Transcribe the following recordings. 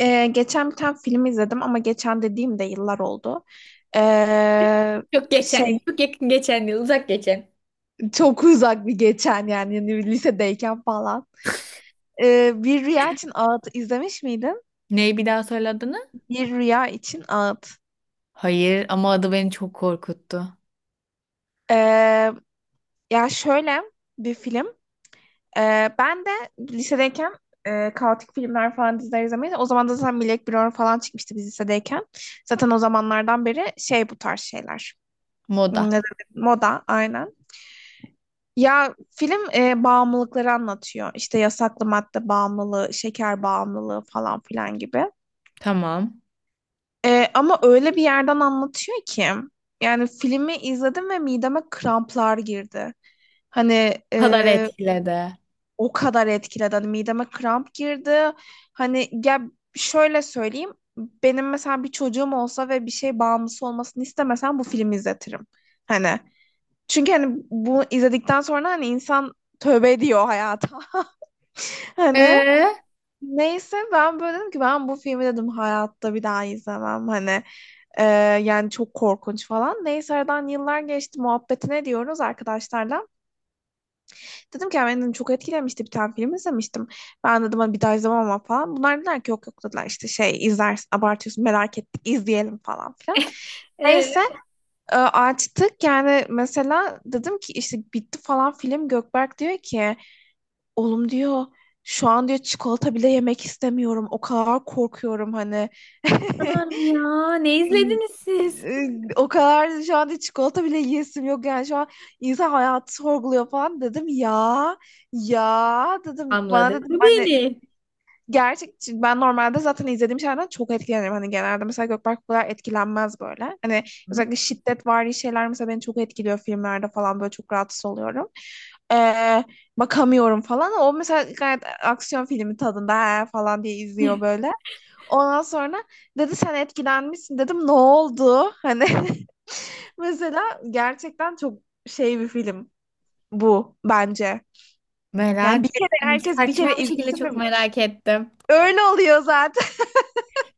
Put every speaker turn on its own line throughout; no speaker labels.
Geçen bir tane film izledim ama geçen dediğim de yıllar oldu. Ee,
Çok geçen,
şey
çok yakın geçen yıl, uzak geçen.
Çok uzak bir geçen yani, lisedeyken falan. Bir Rüya için Ağıt izlemiş miydin?
Neyi bir daha söyle adını?
Bir Rüya için Ağıt.
Hayır ama adı beni çok korkuttu.
Ee, Ya şöyle bir film. Ben de lisedeyken kaotik filmler falan diziler izlemeyi. O zaman da zaten Black Mirror falan çıkmıştı biz lisedeyken. Zaten o zamanlardan beri şey bu tarz şeyler.
Moda.
Hmm, ne dedim? Moda aynen. Ya film bağımlılıkları anlatıyor. İşte yasaklı madde bağımlılığı, şeker bağımlılığı falan filan gibi.
Tamam.
Ama öyle bir yerden anlatıyor ki yani filmi izledim ve mideme kramplar girdi. Hani
O kadar
e,
etkiledi.
o kadar etkiledi. Hani mideme kramp girdi. Hani ya şöyle söyleyeyim. Benim mesela bir çocuğum olsa ve bir şey bağımlısı olmasını istemesem bu filmi izletirim. Hani çünkü hani bunu izledikten sonra hani insan tövbe ediyor hayata. Hani
Ee?
neyse ben böyle dedim ki ben bu filmi dedim hayatta bir daha izlemem hani e, yani çok korkunç falan. Neyse aradan yıllar geçti muhabbetine diyoruz arkadaşlarla. Dedim ki "Ya beni dedim, çok etkilemişti bir tane film izlemiştim. Ben dedim hani bir daha izlemem ama falan." Bunlar dediler ki yok yok dediler işte şey izlersin abartıyorsun merak ettik izleyelim falan filan.
Ee,
Neyse açtık yani mesela dedim ki işte bitti falan film. Gökberk diyor ki "Oğlum diyor şu an diyor çikolata bile yemek istemiyorum. O kadar korkuyorum hani."
o kadar mı ya? Ne izlediniz siz?
Ee, O kadar şu an diyor, çikolata bile yiyesim yok yani şu an insan hayatı sorguluyor falan dedim ya. Ya dedim bana
Anladı
dedim
beni.
gerçek, ben normalde zaten izlediğim şeylerden çok etkilenirim. Hani genelde mesela Gökberk bu kadar etkilenmez böyle. Hani
Hı?
özellikle şiddetvari şeyler mesela beni çok etkiliyor filmlerde falan böyle çok rahatsız oluyorum. Ee, Bakamıyorum falan. O mesela gayet aksiyon filmi tadında "He" falan diye izliyor böyle. Ondan sonra dedi sen etkilenmişsin, dedim ne oldu? Hani mesela gerçekten çok şey bir film bu bence. Yani
Merak
bir kere
ettim.
herkes bir
Saçma
kere
bir şekilde
izlesin.
çok
Ve-
merak ettim.
Öyle oluyor zaten.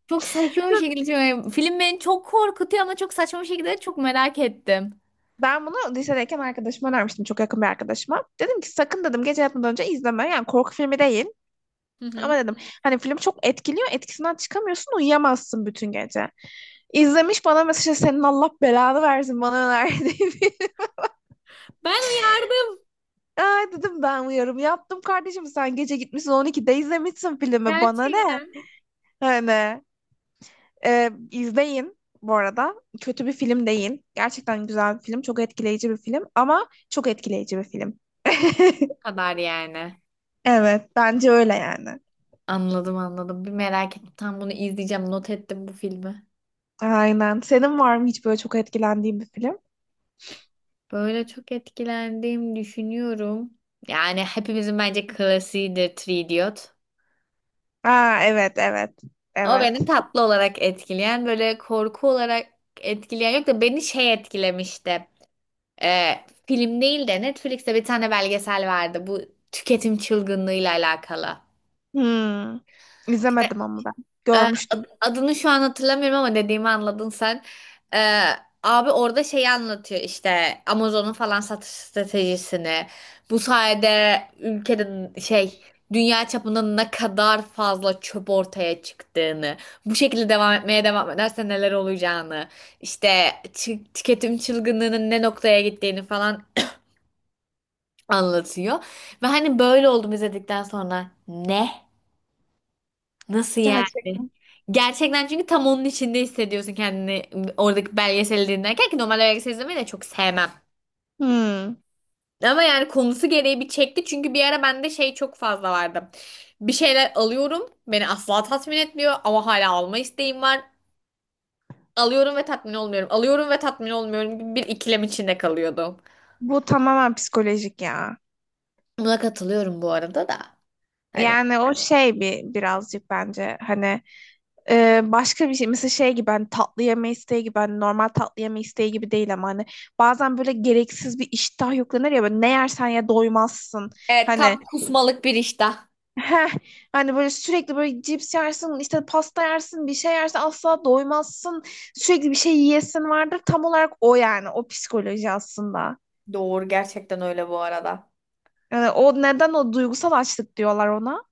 Çok saçma bir şekilde Film beni çok korkutuyor ama çok saçma bir şekilde çok merak ettim.
Ben bunu lisedeyken arkadaşıma önermiştim. Çok yakın bir arkadaşıma. Dedim ki sakın dedim gece yatmadan önce izleme. Yani korku filmi değil.
Hı hı.
Ama dedim hani film çok etkiliyor. Etkisinden çıkamıyorsun. Uyuyamazsın bütün gece. İzlemiş bana mesaj, senin Allah belanı versin bana önerdiği.
Ben uyardım.
Ay dedim ben uyarım yaptım kardeşim. Sen gece gitmişsin 12'de izlemişsin filmi. Bana ne?
Gerçekten.
Hani izleyin bu arada. Kötü bir film değil. Gerçekten güzel bir film. Çok etkileyici bir film. Ama çok etkileyici bir film.
Bu kadar yani.
Evet, bence öyle yani.
Anladım anladım. Bir merak ettim. Tam bunu izleyeceğim. Not ettim bu filmi.
Aynen. Senin var mı hiç böyle çok etkilendiğin bir film?
Böyle çok etkilendiğimi düşünüyorum. Yani hepimizin bence klasiğidir Three Idiot.
Aa, evet, evet,
O
evet.
beni tatlı olarak etkileyen, böyle korku olarak etkileyen yok da beni şey etkilemişti. Ee, film değil de Netflix'te bir tane belgesel vardı. Bu tüketim çılgınlığıyla alakalı.
Hmm.
İşte
İzlemedim ama ben. Görmüştüm.
adını şu an hatırlamıyorum ama dediğimi anladın sen. Ee, abi orada şeyi anlatıyor işte Amazon'un falan satış stratejisini. Bu sayede ülkede şey dünya çapında ne kadar fazla çöp ortaya çıktığını, bu şekilde devam etmeye devam ederse neler olacağını, işte tüketim çılgınlığının ne noktaya gittiğini falan anlatıyor. Ve hani böyle oldum izledikten sonra ne? Nasıl yani?
Gerçekten.
Gerçekten çünkü tam onun içinde hissediyorsun kendini oradaki belgeseli dinlerken ki normal belgesel izlemeyi de çok sevmem.
Hmm.
Ama yani konusu gereği bir çekti çünkü bir ara bende şey çok fazla vardı. Bir şeyler alıyorum beni asla tatmin etmiyor ama hala alma isteğim var. Alıyorum ve tatmin olmuyorum. Alıyorum ve tatmin olmuyorum gibi bir ikilem içinde kalıyordum.
Bu tamamen psikolojik ya.
Buna katılıyorum bu arada da. Hani
Yani o şey bir birazcık bence hani başka bir şey mesela şey gibi hani tatlı yeme isteği gibi hani normal tatlı yeme isteği gibi değil ama hani bazen böyle gereksiz bir iştah yüklenir ya böyle ne yersen ya doymazsın
evet
hani
tam kusmalık bir iştah.
heh, hani böyle sürekli böyle cips yersin işte pasta yersin bir şey yersin asla doymazsın sürekli bir şey yiyesin vardır tam olarak o yani o psikoloji aslında
Doğru gerçekten öyle bu arada.
yani o neden o duygusal açlık diyorlar ona,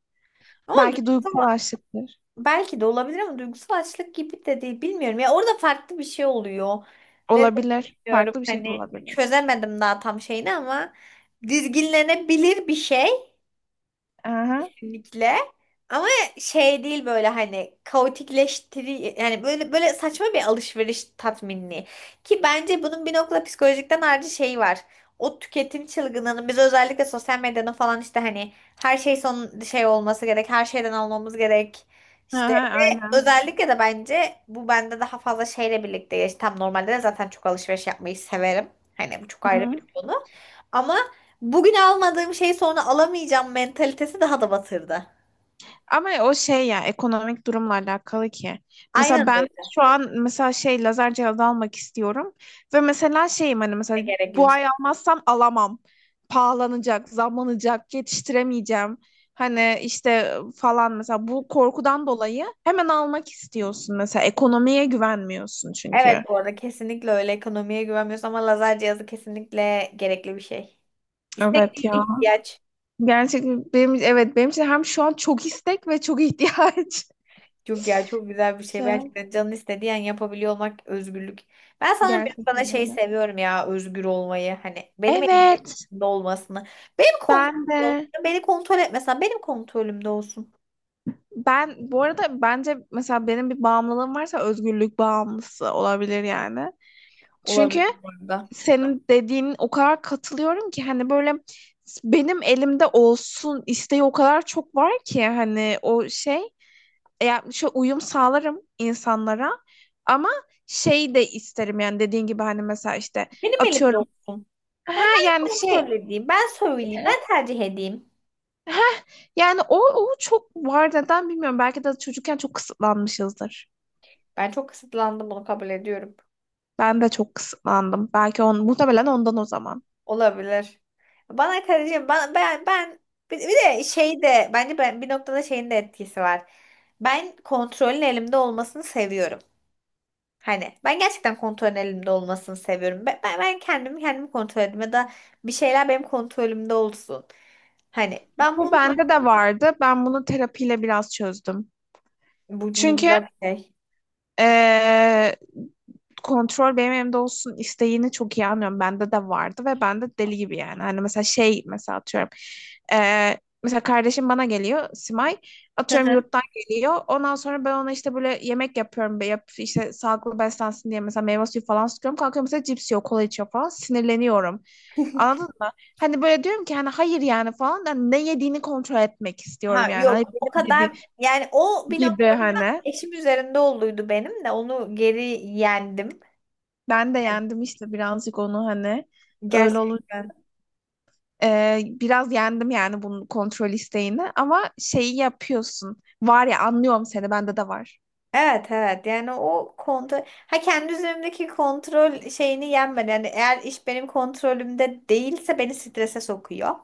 Ama
belki duygusal
duygusal
açlıktır.
Belki de olabilir ama duygusal açlık gibi de değil. Bilmiyorum ya orada farklı bir şey oluyor. Ne de
Olabilir.
bilmiyorum
Farklı bir şey de
hani
olabilir.
çözemedim daha tam şeyini ama dizginlenebilir bir şey.
Aha.
Kesinlikle. Ama şey değil böyle hani kaotikleştiri yani böyle böyle saçma bir alışveriş tatminliği. Ki bence bunun bir noktada psikolojikten ayrıca şeyi var. O tüketim çılgınlığının biz özellikle sosyal medyada falan işte hani her şey son şey olması gerek, her şeyden almamız gerek. İşte
Aha,
ve
aynen.
özellikle de bence bu bende daha fazla şeyle birlikte Tam normalde de zaten çok alışveriş yapmayı severim. Hani bu çok ayrı bir
Hı.
konu. Ama bugün almadığım şeyi sonra alamayacağım mentalitesi daha da batırdı.
Ama o şey ya ekonomik durumla alakalı ki. Mesela
Aynen öyle.
ben şu an mesela şey lazer cihazı almak istiyorum ve mesela şeyim hani mesela
Gerekli bir
bu
şey.
ay almazsam alamam. Pahalanacak, zamlanacak, yetiştiremeyeceğim. Hani işte falan mesela bu korkudan dolayı hemen almak istiyorsun mesela ekonomiye güvenmiyorsun çünkü.
Evet bu arada kesinlikle öyle ekonomiye güvenmiyoruz ama lazer cihazı kesinlikle gerekli bir şey. İstek
Evet
değil
ya.
ihtiyaç.
Gerçekten benim evet benim için hem şu an çok istek ve çok ihtiyaç.
Çok ya çok güzel bir şey.
Şu an
Gerçekten canın istediği an yapabiliyor olmak özgürlük. Ben sana bir bana
gerçekten
şey
öyle.
seviyorum ya özgür olmayı. Hani benim
Evet,
elimde olmasını. Benim
ben
kontrolümde olsun.
de,
Beni kontrol etmesen benim kontrolümde olsun.
ben bu arada bence mesela benim bir bağımlılığım varsa özgürlük bağımlısı olabilir yani. Çünkü
Olabilir bu arada.
senin dediğin o kadar katılıyorum ki hani böyle benim elimde olsun isteği o kadar çok var ki hani o şey yani şu uyum sağlarım insanlara ama şey de isterim yani dediğin gibi hani mesela işte
Benim elimde
atıyorum
olsun.
ha
Hani ben
yani
sana
şey
söyleyeyim. Ben söyleyeyim. Ben tercih edeyim.
ha yani o, o çok var neden bilmiyorum belki de çocukken çok kısıtlanmışızdır.
Ben çok kısıtlandım bunu kabul ediyorum.
Ben de çok kısıtlandım. Belki on, muhtemelen ondan o zaman.
Olabilir. Bana karıcığım ben bir de şey de bence ben bir noktada şeyin de etkisi var. Ben kontrolün elimde olmasını seviyorum. Hani ben gerçekten kontrolün elimde olmasını seviyorum. Ben kendimi kontrol edeyim ya da bir şeyler benim kontrolümde olsun. Hani ben
Bu
bunu
bende de vardı. Ben bunu terapiyle biraz çözdüm.
bu
Çünkü
güzel bir şey.
Ee, kontrol benim elimde olsun isteğini çok iyi anlıyorum. Bende de vardı ve ben de deli gibi yani. Hani mesela şey mesela atıyorum. Mesela kardeşim bana geliyor Simay. Atıyorum yurttan geliyor. Ondan sonra ben ona işte böyle yemek yapıyorum. Be- Yap, işte sağlıklı beslensin diye mesela meyve suyu falan sıkıyorum. Kalkıyor mesela cips yiyor, kola içiyor falan. Sinirleniyorum. Anladın mı? Hani böyle diyorum ki hani hayır yani falan. Da ne yediğini kontrol etmek istiyorum
Ha
yani. Hani
yok o
benim dediğim
kadar yani o bir
gibi
noktada
hani.
eşim üzerinde olduydu benim de onu geri yendim.
Ben de
Yani
yendim işte birazcık onu hani öyle olur.
gerçekten.
Biraz yendim yani bunun kontrol isteğini ama şeyi yapıyorsun. Var ya anlıyorum seni bende de var.
Evet evet yani o kontrol ha kendi üzerimdeki kontrol şeyini yenmedi. Yani eğer iş benim kontrolümde değilse beni strese sokuyor.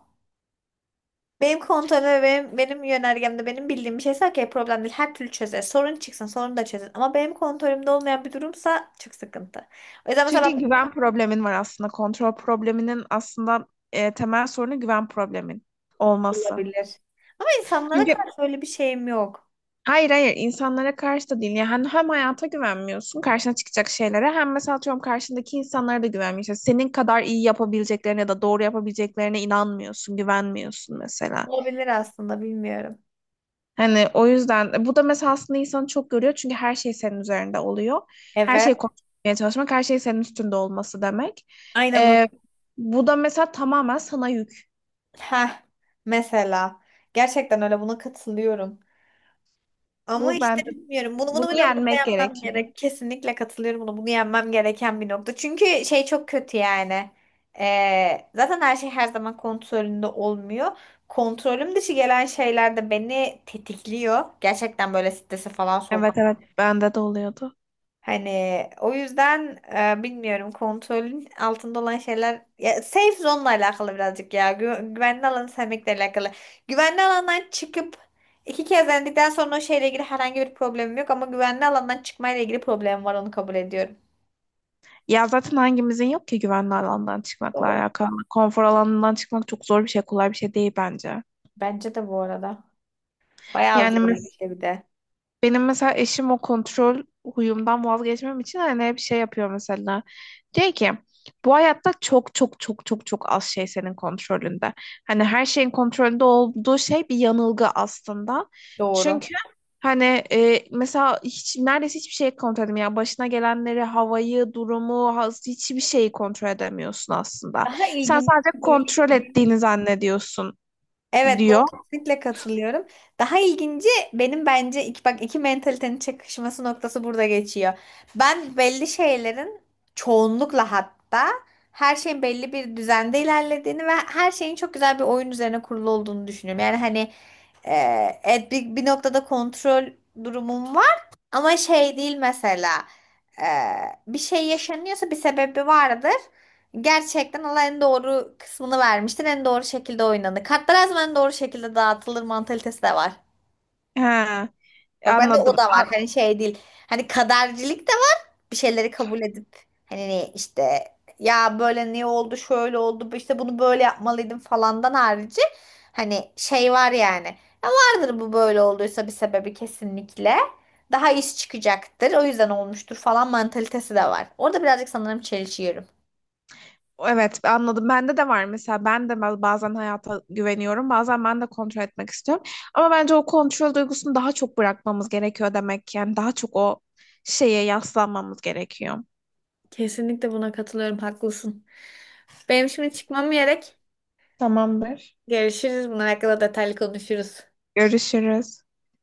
Benim kontrolüm ve benim yönergemde benim bildiğim bir şeyse okey problem değil. Her türlü çözer. Sorun çıksın sorun da çözer. Ama benim kontrolümde olmayan bir durumsa çok sıkıntı. O yüzden
Çünkü
mesela
güven problemin var aslında. Kontrol probleminin aslında temel sorunu güven problemin
ben
olması.
olabilir. Ama insanlara
Çünkü
karşı öyle bir şeyim yok.
hayır hayır insanlara karşı da değil. Yani hem hayata güvenmiyorsun karşına çıkacak şeylere hem mesela atıyorum karşındaki insanlara da güvenmiyorsun. Senin kadar iyi yapabileceklerine ya da doğru yapabileceklerine inanmıyorsun, güvenmiyorsun mesela.
Olabilir aslında bilmiyorum.
Hani o yüzden bu da mesela aslında insanı çok görüyor çünkü her şey senin üzerinde oluyor. Her
Evet.
şeyi konuşmaya çalışmak, her şey senin üstünde olması demek.
Aynen Nur.
Ee, Bu da mesela tamamen sana yük.
Heh. Mesela. Gerçekten öyle buna katılıyorum. Ama
Bu
işte
ben
bilmiyorum. Bunu
bunu
bunu bir noktada
yenmek
yapmam
gerekiyor.
gerek. Kesinlikle katılıyorum bunu. Bunu yenmem gereken bir nokta. Çünkü şey çok kötü yani. Zaten her şey her zaman kontrolünde olmuyor. Kontrolüm dışı gelen şeyler de beni tetikliyor. Gerçekten böyle strese falan
Evet
sokuyor.
evet bende de oluyordu.
Hani o yüzden bilmiyorum kontrolün altında olan şeyler ya safe zone'la alakalı birazcık ya güvenli alanı sevmekle alakalı. Güvenli alandan çıkıp iki kez denedikten sonra o şeyle ilgili herhangi bir problemim yok ama güvenli alandan çıkmayla ilgili problemim var onu kabul ediyorum.
Ya zaten hangimizin yok ki güvenli alandan çıkmakla
Doğru.
alakalı. Konfor alanından çıkmak çok zor bir şey, kolay bir şey değil bence.
Bence de bu arada. Bayağı
Yani
zor bir
mes-
şey bir de.
Benim mesela eşim o kontrol huyumdan vazgeçmem için hani hep şey yapıyor mesela. Diyor ki bu hayatta çok çok çok çok çok az şey senin kontrolünde. Hani her şeyin kontrolünde olduğu şey bir yanılgı aslında.
Doğru.
Çünkü hani mesela hiç neredeyse hiçbir şey kontrol edemiyorsun. Yani başına gelenleri, havayı, durumu, ha- hiçbir şeyi kontrol edemiyorsun aslında.
Daha
Sen
ilginç
sadece kontrol ettiğini zannediyorsun
Evet, buna
diyor.
kesinlikle katılıyorum. Daha ilginci benim bence iki, bak iki mentalitenin çakışması noktası burada geçiyor. Ben belli şeylerin çoğunlukla hatta her şeyin belli bir düzende ilerlediğini ve her şeyin çok güzel bir oyun üzerine kurulu olduğunu düşünüyorum. Yani hani e, evet, bir noktada kontrol durumum var ama şey değil mesela e, bir şey yaşanıyorsa bir sebebi vardır gerçekten Allah en doğru kısmını vermiştir. En doğru şekilde oynanır. Kartlar her zaman en doğru şekilde dağıtılır mantalitesi de var.
He,
Bak bende o
anladım.
da var. Hani şey değil. Hani kadercilik de var. Bir şeyleri kabul edip hani ne işte ya böyle niye oldu şöyle oldu işte bunu böyle yapmalıydım falandan harici hani şey var yani. Ya vardır bu böyle olduysa bir sebebi kesinlikle. Daha iş çıkacaktır. O yüzden olmuştur falan mantalitesi de var. Orada birazcık sanırım çelişiyorum.
Evet anladım. Bende de var mesela. Ben de ba- bazen hayata güveniyorum. Bazen ben de kontrol etmek istiyorum. Ama bence o kontrol duygusunu daha çok bırakmamız gerekiyor demek ki. Yani daha çok o şeye yaslanmamız gerekiyor.
Kesinlikle buna katılıyorum. Haklısın. Benim şimdi çıkmam gerek.
Tamamdır.
Görüşürüz. Bunlar hakkında detaylı konuşuruz.
Görüşürüz.